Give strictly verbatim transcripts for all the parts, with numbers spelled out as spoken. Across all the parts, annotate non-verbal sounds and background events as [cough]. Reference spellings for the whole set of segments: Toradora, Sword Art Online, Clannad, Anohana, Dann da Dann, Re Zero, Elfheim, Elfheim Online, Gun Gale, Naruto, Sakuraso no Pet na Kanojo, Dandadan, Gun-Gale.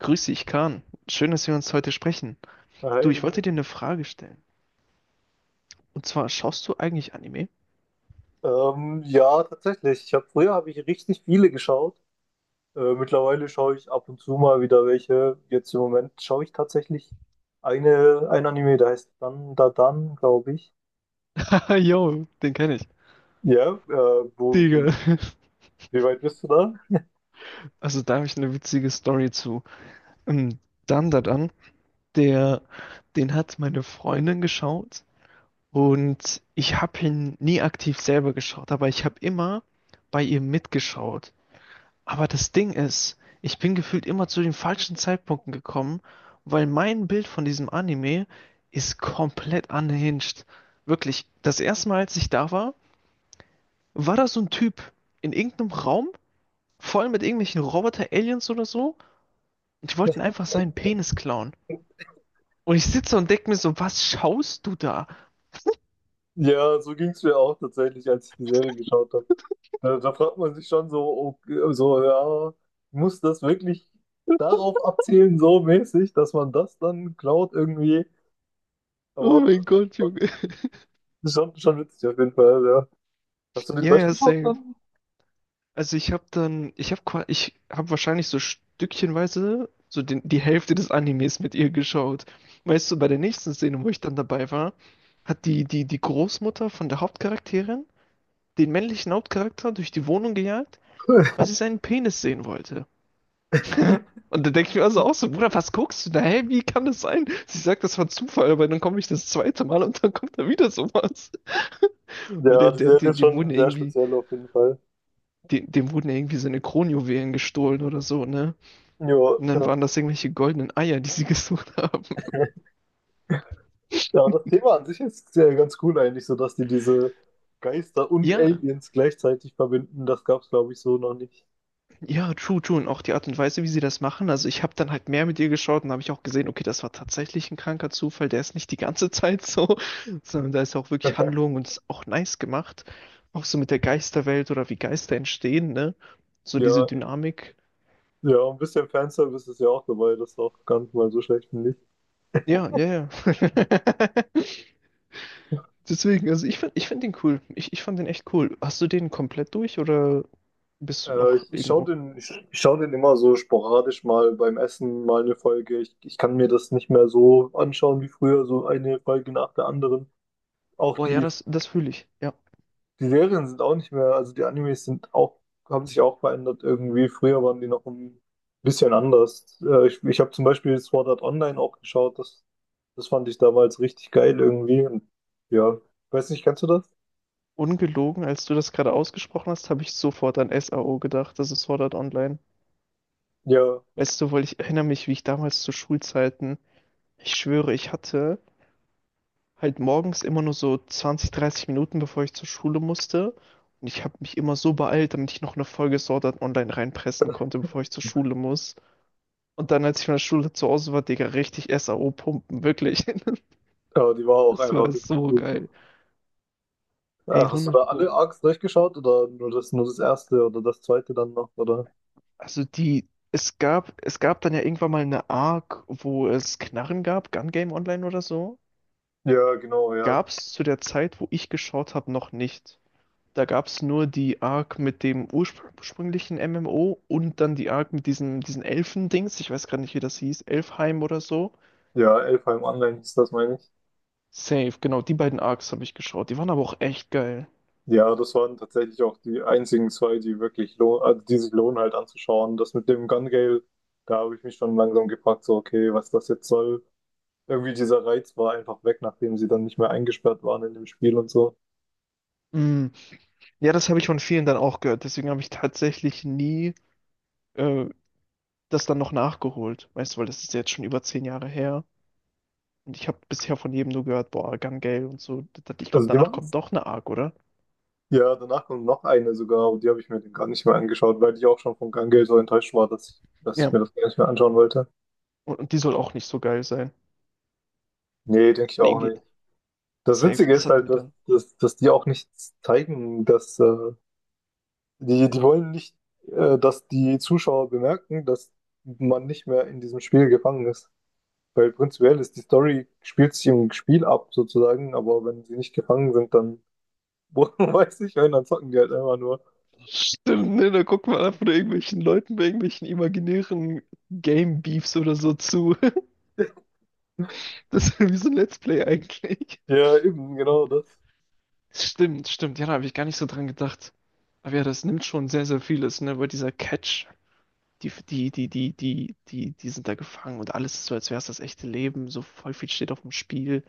Grüß dich, Kahn. Schön, dass wir uns heute sprechen. Hi, Du, ich Emil. wollte dir eine Frage stellen. Und zwar, schaust du eigentlich Anime? [laughs] Ähm, ja, tatsächlich. Ich habe früher habe ich richtig viele geschaut. Äh, mittlerweile schaue ich ab und zu mal wieder welche. Jetzt im Moment schaue ich tatsächlich eine, ein Anime, der heißt Dann da Dann, glaube ich. Ah, yo, den kenne ich. Ja, äh, wo, Digga. [laughs] wie weit bist du da? Also, da habe ich eine witzige Story zu. Ähm, Dandadan, der, den hat meine Freundin geschaut und ich habe ihn nie aktiv selber geschaut, aber ich habe immer bei ihr mitgeschaut. Aber das Ding ist, ich bin gefühlt immer zu den falschen Zeitpunkten gekommen, weil mein Bild von diesem Anime ist komplett unhinged. Wirklich, das erste Mal, als ich da war, war da so ein Typ in irgendeinem Raum, voll mit irgendwelchen Roboter-Aliens oder so. Und die wollten einfach seinen Penis klauen. Und ich sitze und denke mir so, was schaust du da? Ja, so ging es mir auch tatsächlich, als ich die Serie geschaut habe. Da, da fragt man sich schon so, okay, so, ja, muss das wirklich darauf abzielen, so mäßig, dass man das dann klaut irgendwie? Oh Aber mein Gott, Junge. schon, schon witzig auf jeden Fall, ja. Hast du den Ja, ja, durchgeschaut same. dann? Also ich habe dann, ich habe ich hab wahrscheinlich so stückchenweise so den, die Hälfte des Animes mit ihr geschaut. Weißt du, bei der nächsten Szene, wo ich dann dabei war, hat die, die, die Großmutter von der Hauptcharakterin den männlichen Hauptcharakter durch die Wohnung gejagt, weil sie [laughs] seinen Penis sehen wollte. [laughs] Und da denke ich mir also auch so, Bruder, was guckst du da? Hä, wie kann das sein? Sie sagt, das war Zufall, aber dann komme ich das zweite Mal und dann kommt da wieder sowas. Weil Ja, der, die der, Serie dem, ist dem schon wurden sehr irgendwie, speziell auf jeden Fall. dem, dem wurden irgendwie seine Kronjuwelen gestohlen oder so, ne? Ja, Und dann ja. waren das irgendwelche goldenen Eier, die sie [laughs] gesucht haben. Ja, das Thema an sich ist sehr ganz cool eigentlich, so dass die diese Geister und Ja, Aliens gleichzeitig verbinden. Das gab's, glaube ich, so noch nicht. ja, true, true. Und auch die Art und Weise, wie sie das machen. Also ich habe dann halt mehr mit ihr geschaut und habe ich auch gesehen, okay, das war tatsächlich ein kranker Zufall. Der ist nicht die ganze Zeit so, [laughs] sondern da ist auch wirklich Handlung und ist auch nice gemacht. Auch so mit der Geisterwelt oder wie Geister entstehen, ne? So Ja, diese Dynamik. ja, ein bisschen Fanservice ist ja auch dabei, das ist auch gar nicht mal so schlecht, finde ich. Ja, ja, ja. [laughs] Deswegen, also ich find, ich find den cool. Ich, ich fand den echt cool. Hast du den komplett durch oder bist du Äh, noch ich ich schaue irgendwo? den, ich, ich schau den immer so sporadisch mal beim Essen mal eine Folge. Ich, ich kann mir das nicht mehr so anschauen wie früher, so eine Folge nach der anderen. Auch Boah, ja, die. das, das fühle ich. Ja. Die Serien sind auch nicht mehr, also die Animes sind auch, haben sich auch verändert irgendwie. Früher waren die noch ein bisschen anders. Äh, ich ich habe zum Beispiel Sword Art Online auch geschaut. Das, das fand ich damals richtig geil irgendwie. Und ja, weiß nicht, kennst du das? Ungelogen, als du das gerade ausgesprochen hast, habe ich sofort an S A O gedacht, das ist Sword Art Online. Ja, Weißt du, weil ich erinnere mich, wie ich damals zu Schulzeiten, ich schwöre, ich hatte halt morgens immer nur so zwanzig, dreißig Minuten, bevor ich zur Schule musste. Und ich habe mich immer so beeilt, damit ich noch eine Folge Sword Art Online reinpressen konnte, bevor ich zur Schule muss. Und dann, als ich von der Schule zu Hause war, Digga, richtig S A O pumpen, wirklich. [laughs] ja, die war auch Das war einfach richtig so gut. geil. Äh, Ey, Hast du hundert da alle Pro. Arcs durchgeschaut oder nur das, nur das erste oder das zweite dann noch, oder? Also die, es gab, es gab dann ja irgendwann mal eine Arc, wo es Knarren gab, Gun Game Online oder so. Ja, genau, ja. Gab es zu der Zeit, wo ich geschaut habe, noch nicht. Da gab es nur die Arc mit dem urspr- ursprünglichen M M O und dann die Arc mit diesen, diesen Elfen-Dings. Ich weiß gerade nicht, wie das hieß. Elfheim oder so. Ja, Elfheim Online ist das, meine ich. Safe, genau, die beiden Arcs habe ich geschaut. Die waren aber auch echt geil. Ja, das waren tatsächlich auch die einzigen zwei, die wirklich lohn, also die sich lohnen halt anzuschauen. Das mit dem Gun Gale, da habe ich mich schon langsam gefragt, so okay, was das jetzt soll. Irgendwie dieser Reiz war einfach weg, nachdem sie dann nicht mehr eingesperrt waren in dem Spiel und so. Mm. Ja, das habe ich von vielen dann auch gehört. Deswegen habe ich tatsächlich nie äh, das dann noch nachgeholt. Weißt du, weil das ist jetzt schon über zehn Jahre her. Und ich habe bisher von jedem nur gehört, boah, Gun-Gale und so. Das- Ich glaube, Also die danach machen's. kommt doch eine Arc, oder? Ja, danach kommt noch eine sogar, und die habe ich mir gar nicht mehr angeschaut, weil ich auch schon von Gun Gale so enttäuscht war, dass ich, dass ich Ja. mir das gar nicht mehr anschauen wollte. Und, und die soll auch nicht so geil sein. Nee, denke ich Nee, auch irgendwie nicht. Das safe. Witzige Das ist hat halt, mir dass, dann. dass, dass die auch nicht zeigen, dass äh, die, die wollen nicht, äh, dass die Zuschauer bemerken, dass man nicht mehr in diesem Spiel gefangen ist. Weil prinzipiell ist die Story, spielt sich im Spiel ab sozusagen, aber wenn sie nicht gefangen sind, dann [laughs] weiß ich, wenn, dann zocken die halt einfach nur. Stimmt, ne? Da guckt man einfach nur irgendwelchen Leuten bei irgendwelchen imaginären Game-Beefs oder so zu. [laughs] Das ist wie so ein Let's Play eigentlich. Ja, eben, genau das. Stimmt, stimmt. Ja, da habe ich gar nicht so dran gedacht. Aber ja, das nimmt schon sehr, sehr vieles, ne? Weil dieser Catch, die, die, die, die, die, die, die sind da gefangen und alles ist so, als wäre es das echte Leben. So voll viel steht auf dem Spiel.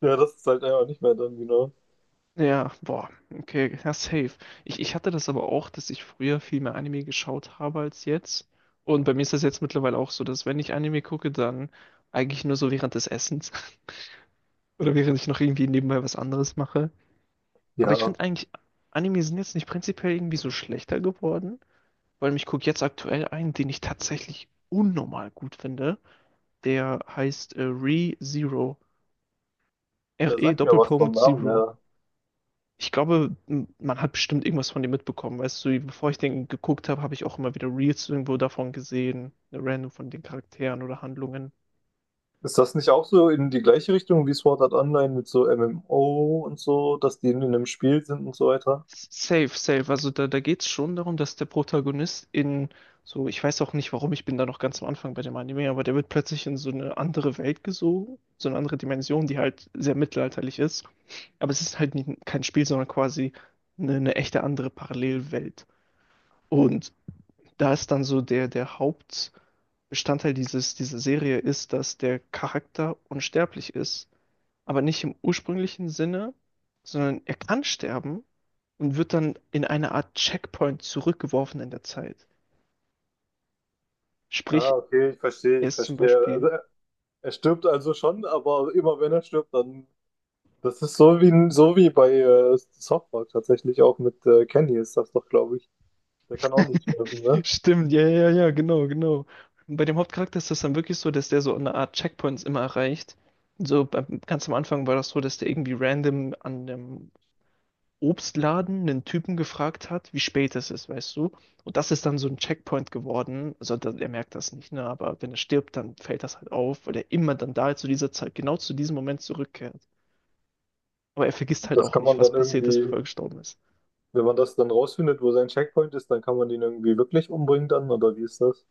Ja, das ist halt einfach nicht mehr dann, genau. Ja, boah, okay, ja, safe. Ich, ich hatte das aber auch, dass ich früher viel mehr Anime geschaut habe als jetzt. Und bei mir ist das jetzt mittlerweile auch so, dass wenn ich Anime gucke, dann eigentlich nur so während des Essens [laughs] oder während ich noch irgendwie nebenbei was anderes mache. Aber ich Ja, finde eigentlich, Anime sind jetzt nicht prinzipiell irgendwie so schlechter geworden, weil ich gucke jetzt aktuell einen, den ich tatsächlich unnormal gut finde. Der heißt äh, Re Zero. der R-E sagt mir was vom Doppelpunkt Namen Zero. her. Ich glaube, m- man hat bestimmt irgendwas von dem mitbekommen. Weißt du, bevor ich den geguckt habe, habe ich auch immer wieder Reels irgendwo davon gesehen, random von den Charakteren oder Handlungen. Ist das nicht auch so in die gleiche Richtung wie Sword Art Online mit so M M O und so, dass die in einem Spiel sind und so weiter? Safe, safe. Also da, da geht es schon darum, dass der Protagonist in so, ich weiß auch nicht warum, ich bin da noch ganz am Anfang bei dem Anime, aber der wird plötzlich in so eine andere Welt gesogen, so eine andere Dimension, die halt sehr mittelalterlich ist. Aber es ist halt nie, kein Spiel, sondern quasi eine, eine echte andere Parallelwelt. Und da ist dann so der, der Haupt. Bestandteil dieses, dieser Serie ist, dass der Charakter unsterblich ist, aber nicht im ursprünglichen Sinne, sondern er kann sterben und wird dann in eine Art Checkpoint zurückgeworfen in der Zeit. Ah, Sprich, okay, ich verstehe, er ich ist zum verstehe. Also, Beispiel. er stirbt also schon, aber immer wenn er stirbt, dann. Das ist so wie, so wie bei äh, Softball tatsächlich auch mit äh, Kenny ist das doch, glaube ich. Der kann auch nicht sterben, ne? Stimmt, ja, ja, ja, genau, genau. Bei dem Hauptcharakter ist das dann wirklich so, dass der so eine Art Checkpoints immer erreicht. So beim- ganz am Anfang war das so, dass der irgendwie random an dem Obstladen einen Typen gefragt hat, wie spät es ist, weißt du? Und das ist dann so ein Checkpoint geworden. Also da- er merkt das nicht, ne? Aber wenn er stirbt, dann fällt das halt auf, weil er immer dann da zu dieser Zeit, genau zu diesem Moment zurückkehrt. Aber er vergisst halt Das auch kann man nicht, was dann passiert ist, irgendwie, bevor er gestorben ist. wenn man das dann rausfindet, wo sein Checkpoint ist, dann kann man den irgendwie wirklich umbringen dann, oder wie ist das?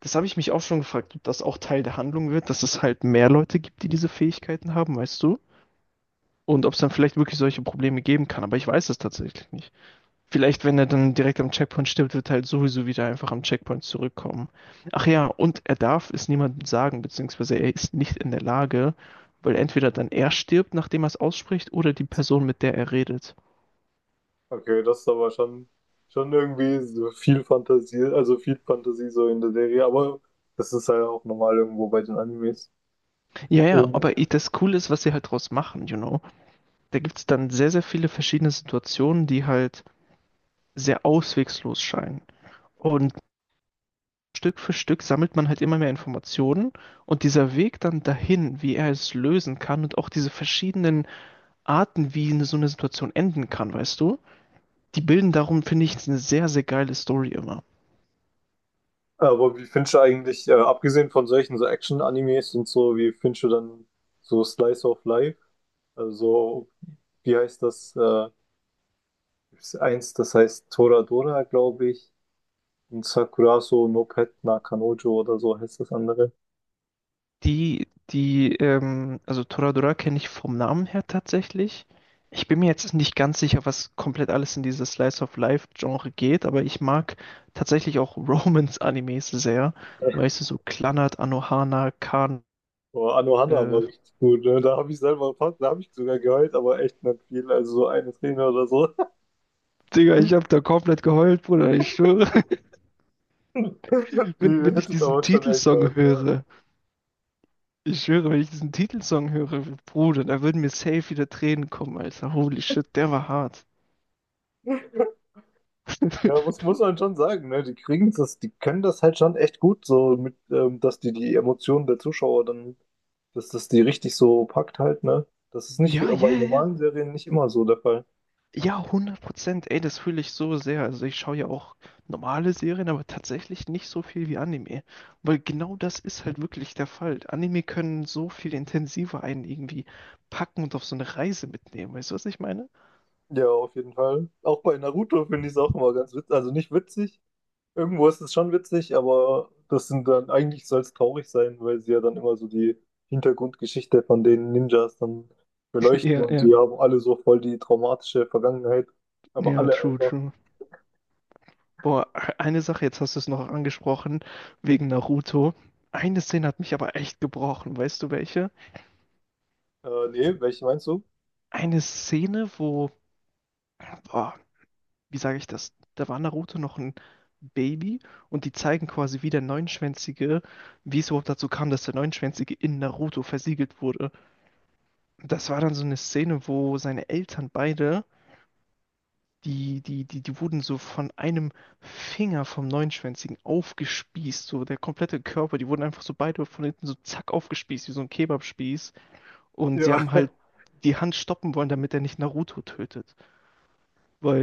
Das habe ich mich auch schon gefragt, ob das auch Teil der Handlung wird, dass es halt mehr Leute gibt, die diese Fähigkeiten haben, weißt du? Und ob es dann vielleicht wirklich solche Probleme geben kann. Aber ich weiß es tatsächlich nicht. Vielleicht, wenn er dann direkt am Checkpoint stirbt, wird er halt sowieso wieder einfach am Checkpoint zurückkommen. Ach ja, und er darf es niemandem sagen, beziehungsweise er ist nicht in der Lage, weil entweder dann er stirbt, nachdem er es ausspricht, oder die Person, mit der er redet. Okay, das ist aber schon, schon irgendwie so viel Fantasie, also viel Fantasie so in der Serie, aber das ist halt auch normal irgendwo bei den Animes. Ja, ja, Ähm, aber i- das Coole ist, was sie halt draus machen, you know. Da gibt es dann sehr, sehr viele verschiedene Situationen, die halt sehr auswegslos scheinen. Und Stück für Stück sammelt man halt immer mehr Informationen und dieser Weg dann dahin, wie er es lösen kann und auch diese verschiedenen Arten, wie eine, so eine Situation enden kann, weißt du? Die bilden darum, finde ich, eine sehr, sehr geile Story immer. Aber wie findest du eigentlich, äh, abgesehen von solchen so Action-Animes und so, wie findest du dann so Slice of Life? Also, so, wie heißt das? Äh, gibt's eins, das heißt Toradora, glaube ich. Und Sakuraso no Pet na Kanojo oder so heißt das andere. Die, die, ähm, also Toradora kenne ich vom Namen her tatsächlich. Ich bin mir jetzt nicht ganz sicher, was komplett alles in dieses Slice of Life-Genre geht, aber ich mag tatsächlich auch [laughs] Romance-Animes sehr. Weißt du, so Clannad, Anohana, Kan. Oh, Anohana Äh, war richtig gut. Ne? Da habe ich selber fast, da habe ich sogar geheult, aber echt nicht viel. Also so eine Träne oder so. Digga, ich habe da komplett geheult, Bruder, ich schwöre. [laughs] [laughs] Wenn, Die wenn ich hättet diesen aber schon echt Titelsong hart. Ne? höre, ich schwöre, wenn ich diesen Titelsong höre, Bruder, da würden mir safe wieder Tränen kommen, Alter. Holy shit, der war hart. Ja, muss, [laughs] muss man schon sagen, ne? Die kriegen das, die können das halt schon echt gut, so mit, ähm, dass die die Emotionen der Zuschauer dann, dass das die richtig so packt halt, ne? Das ist nicht bei Ja, ja, ja. normalen Serien nicht immer so der Fall. Ja, hundert Prozent. Ey, das fühle ich so sehr. Also ich schaue ja auch normale Serien, aber tatsächlich nicht so viel wie Anime. Weil genau das ist halt wirklich der Fall. Anime können so viel intensiver einen irgendwie packen und auf so eine Reise mitnehmen. Weißt du, was ich meine? Ja, auf jeden Fall. Auch bei Naruto finde ich es auch immer ganz witzig. Also nicht witzig. Irgendwo ist es schon witzig, aber das sind dann, eigentlich soll es traurig sein, weil sie ja dann immer so die Hintergrundgeschichte von den Ninjas dann [laughs] beleuchten Ja, und ja, die haben alle so voll die traumatische Vergangenheit. Aber ja, alle true, einfach. true. Boah, eine Sache, jetzt hast du es noch angesprochen, wegen Naruto. Eine Szene hat mich aber echt gebrochen, weißt du welche? Äh, nee, welche meinst du? Eine Szene, wo, boah, wie sage ich das? Da war Naruto noch ein Baby und die zeigen quasi, wie der Neunschwänzige, wie es überhaupt dazu kam, dass der Neunschwänzige in Naruto versiegelt wurde. Das war dann so eine Szene, wo seine Eltern beide Die, die, die, die wurden so von einem Finger vom Neunschwänzigen aufgespießt, so der komplette Körper, die wurden einfach so beide von hinten so zack aufgespießt, wie so ein Kebabspieß. Und sie Ja. haben halt [laughs] die Hand stoppen wollen, damit er nicht Naruto tötet.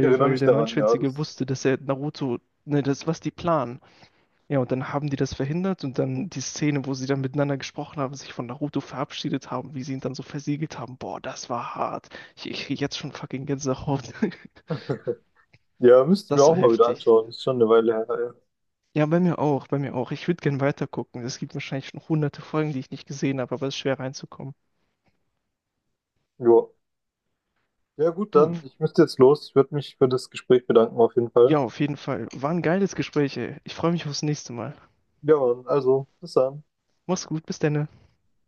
Ich erinnere weil mich der daran, ja. Neunschwänzige Das, wusste, dass er Naruto, ne, das ist, was die planen. Ja, und dann haben die das verhindert und dann die Szene, wo sie dann miteinander gesprochen haben, sich von Naruto verabschiedet haben, wie sie ihn dann so versiegelt haben. Boah, das war hart. Ich, ich krieg jetzt schon fucking Gänsehaut. [laughs] ja, müsste ich mir Das auch war mal wieder heftig. anschauen. Ist schon eine Weile her, ja. Ja, bei mir auch, bei mir auch. Ich würde gern weitergucken. Es gibt wahrscheinlich schon hunderte Folgen, die ich nicht gesehen habe, aber es ist schwer reinzukommen. Jo. Ja, gut, Du, dann, ich müsste jetzt los. Ich würde mich für das Gespräch bedanken, auf jeden Fall. ja, auf jeden Fall. War ein geiles Gespräch, ey. Ich freue mich aufs nächste Mal. Ja, Mann, also, bis dann. Mach's gut, bis dann.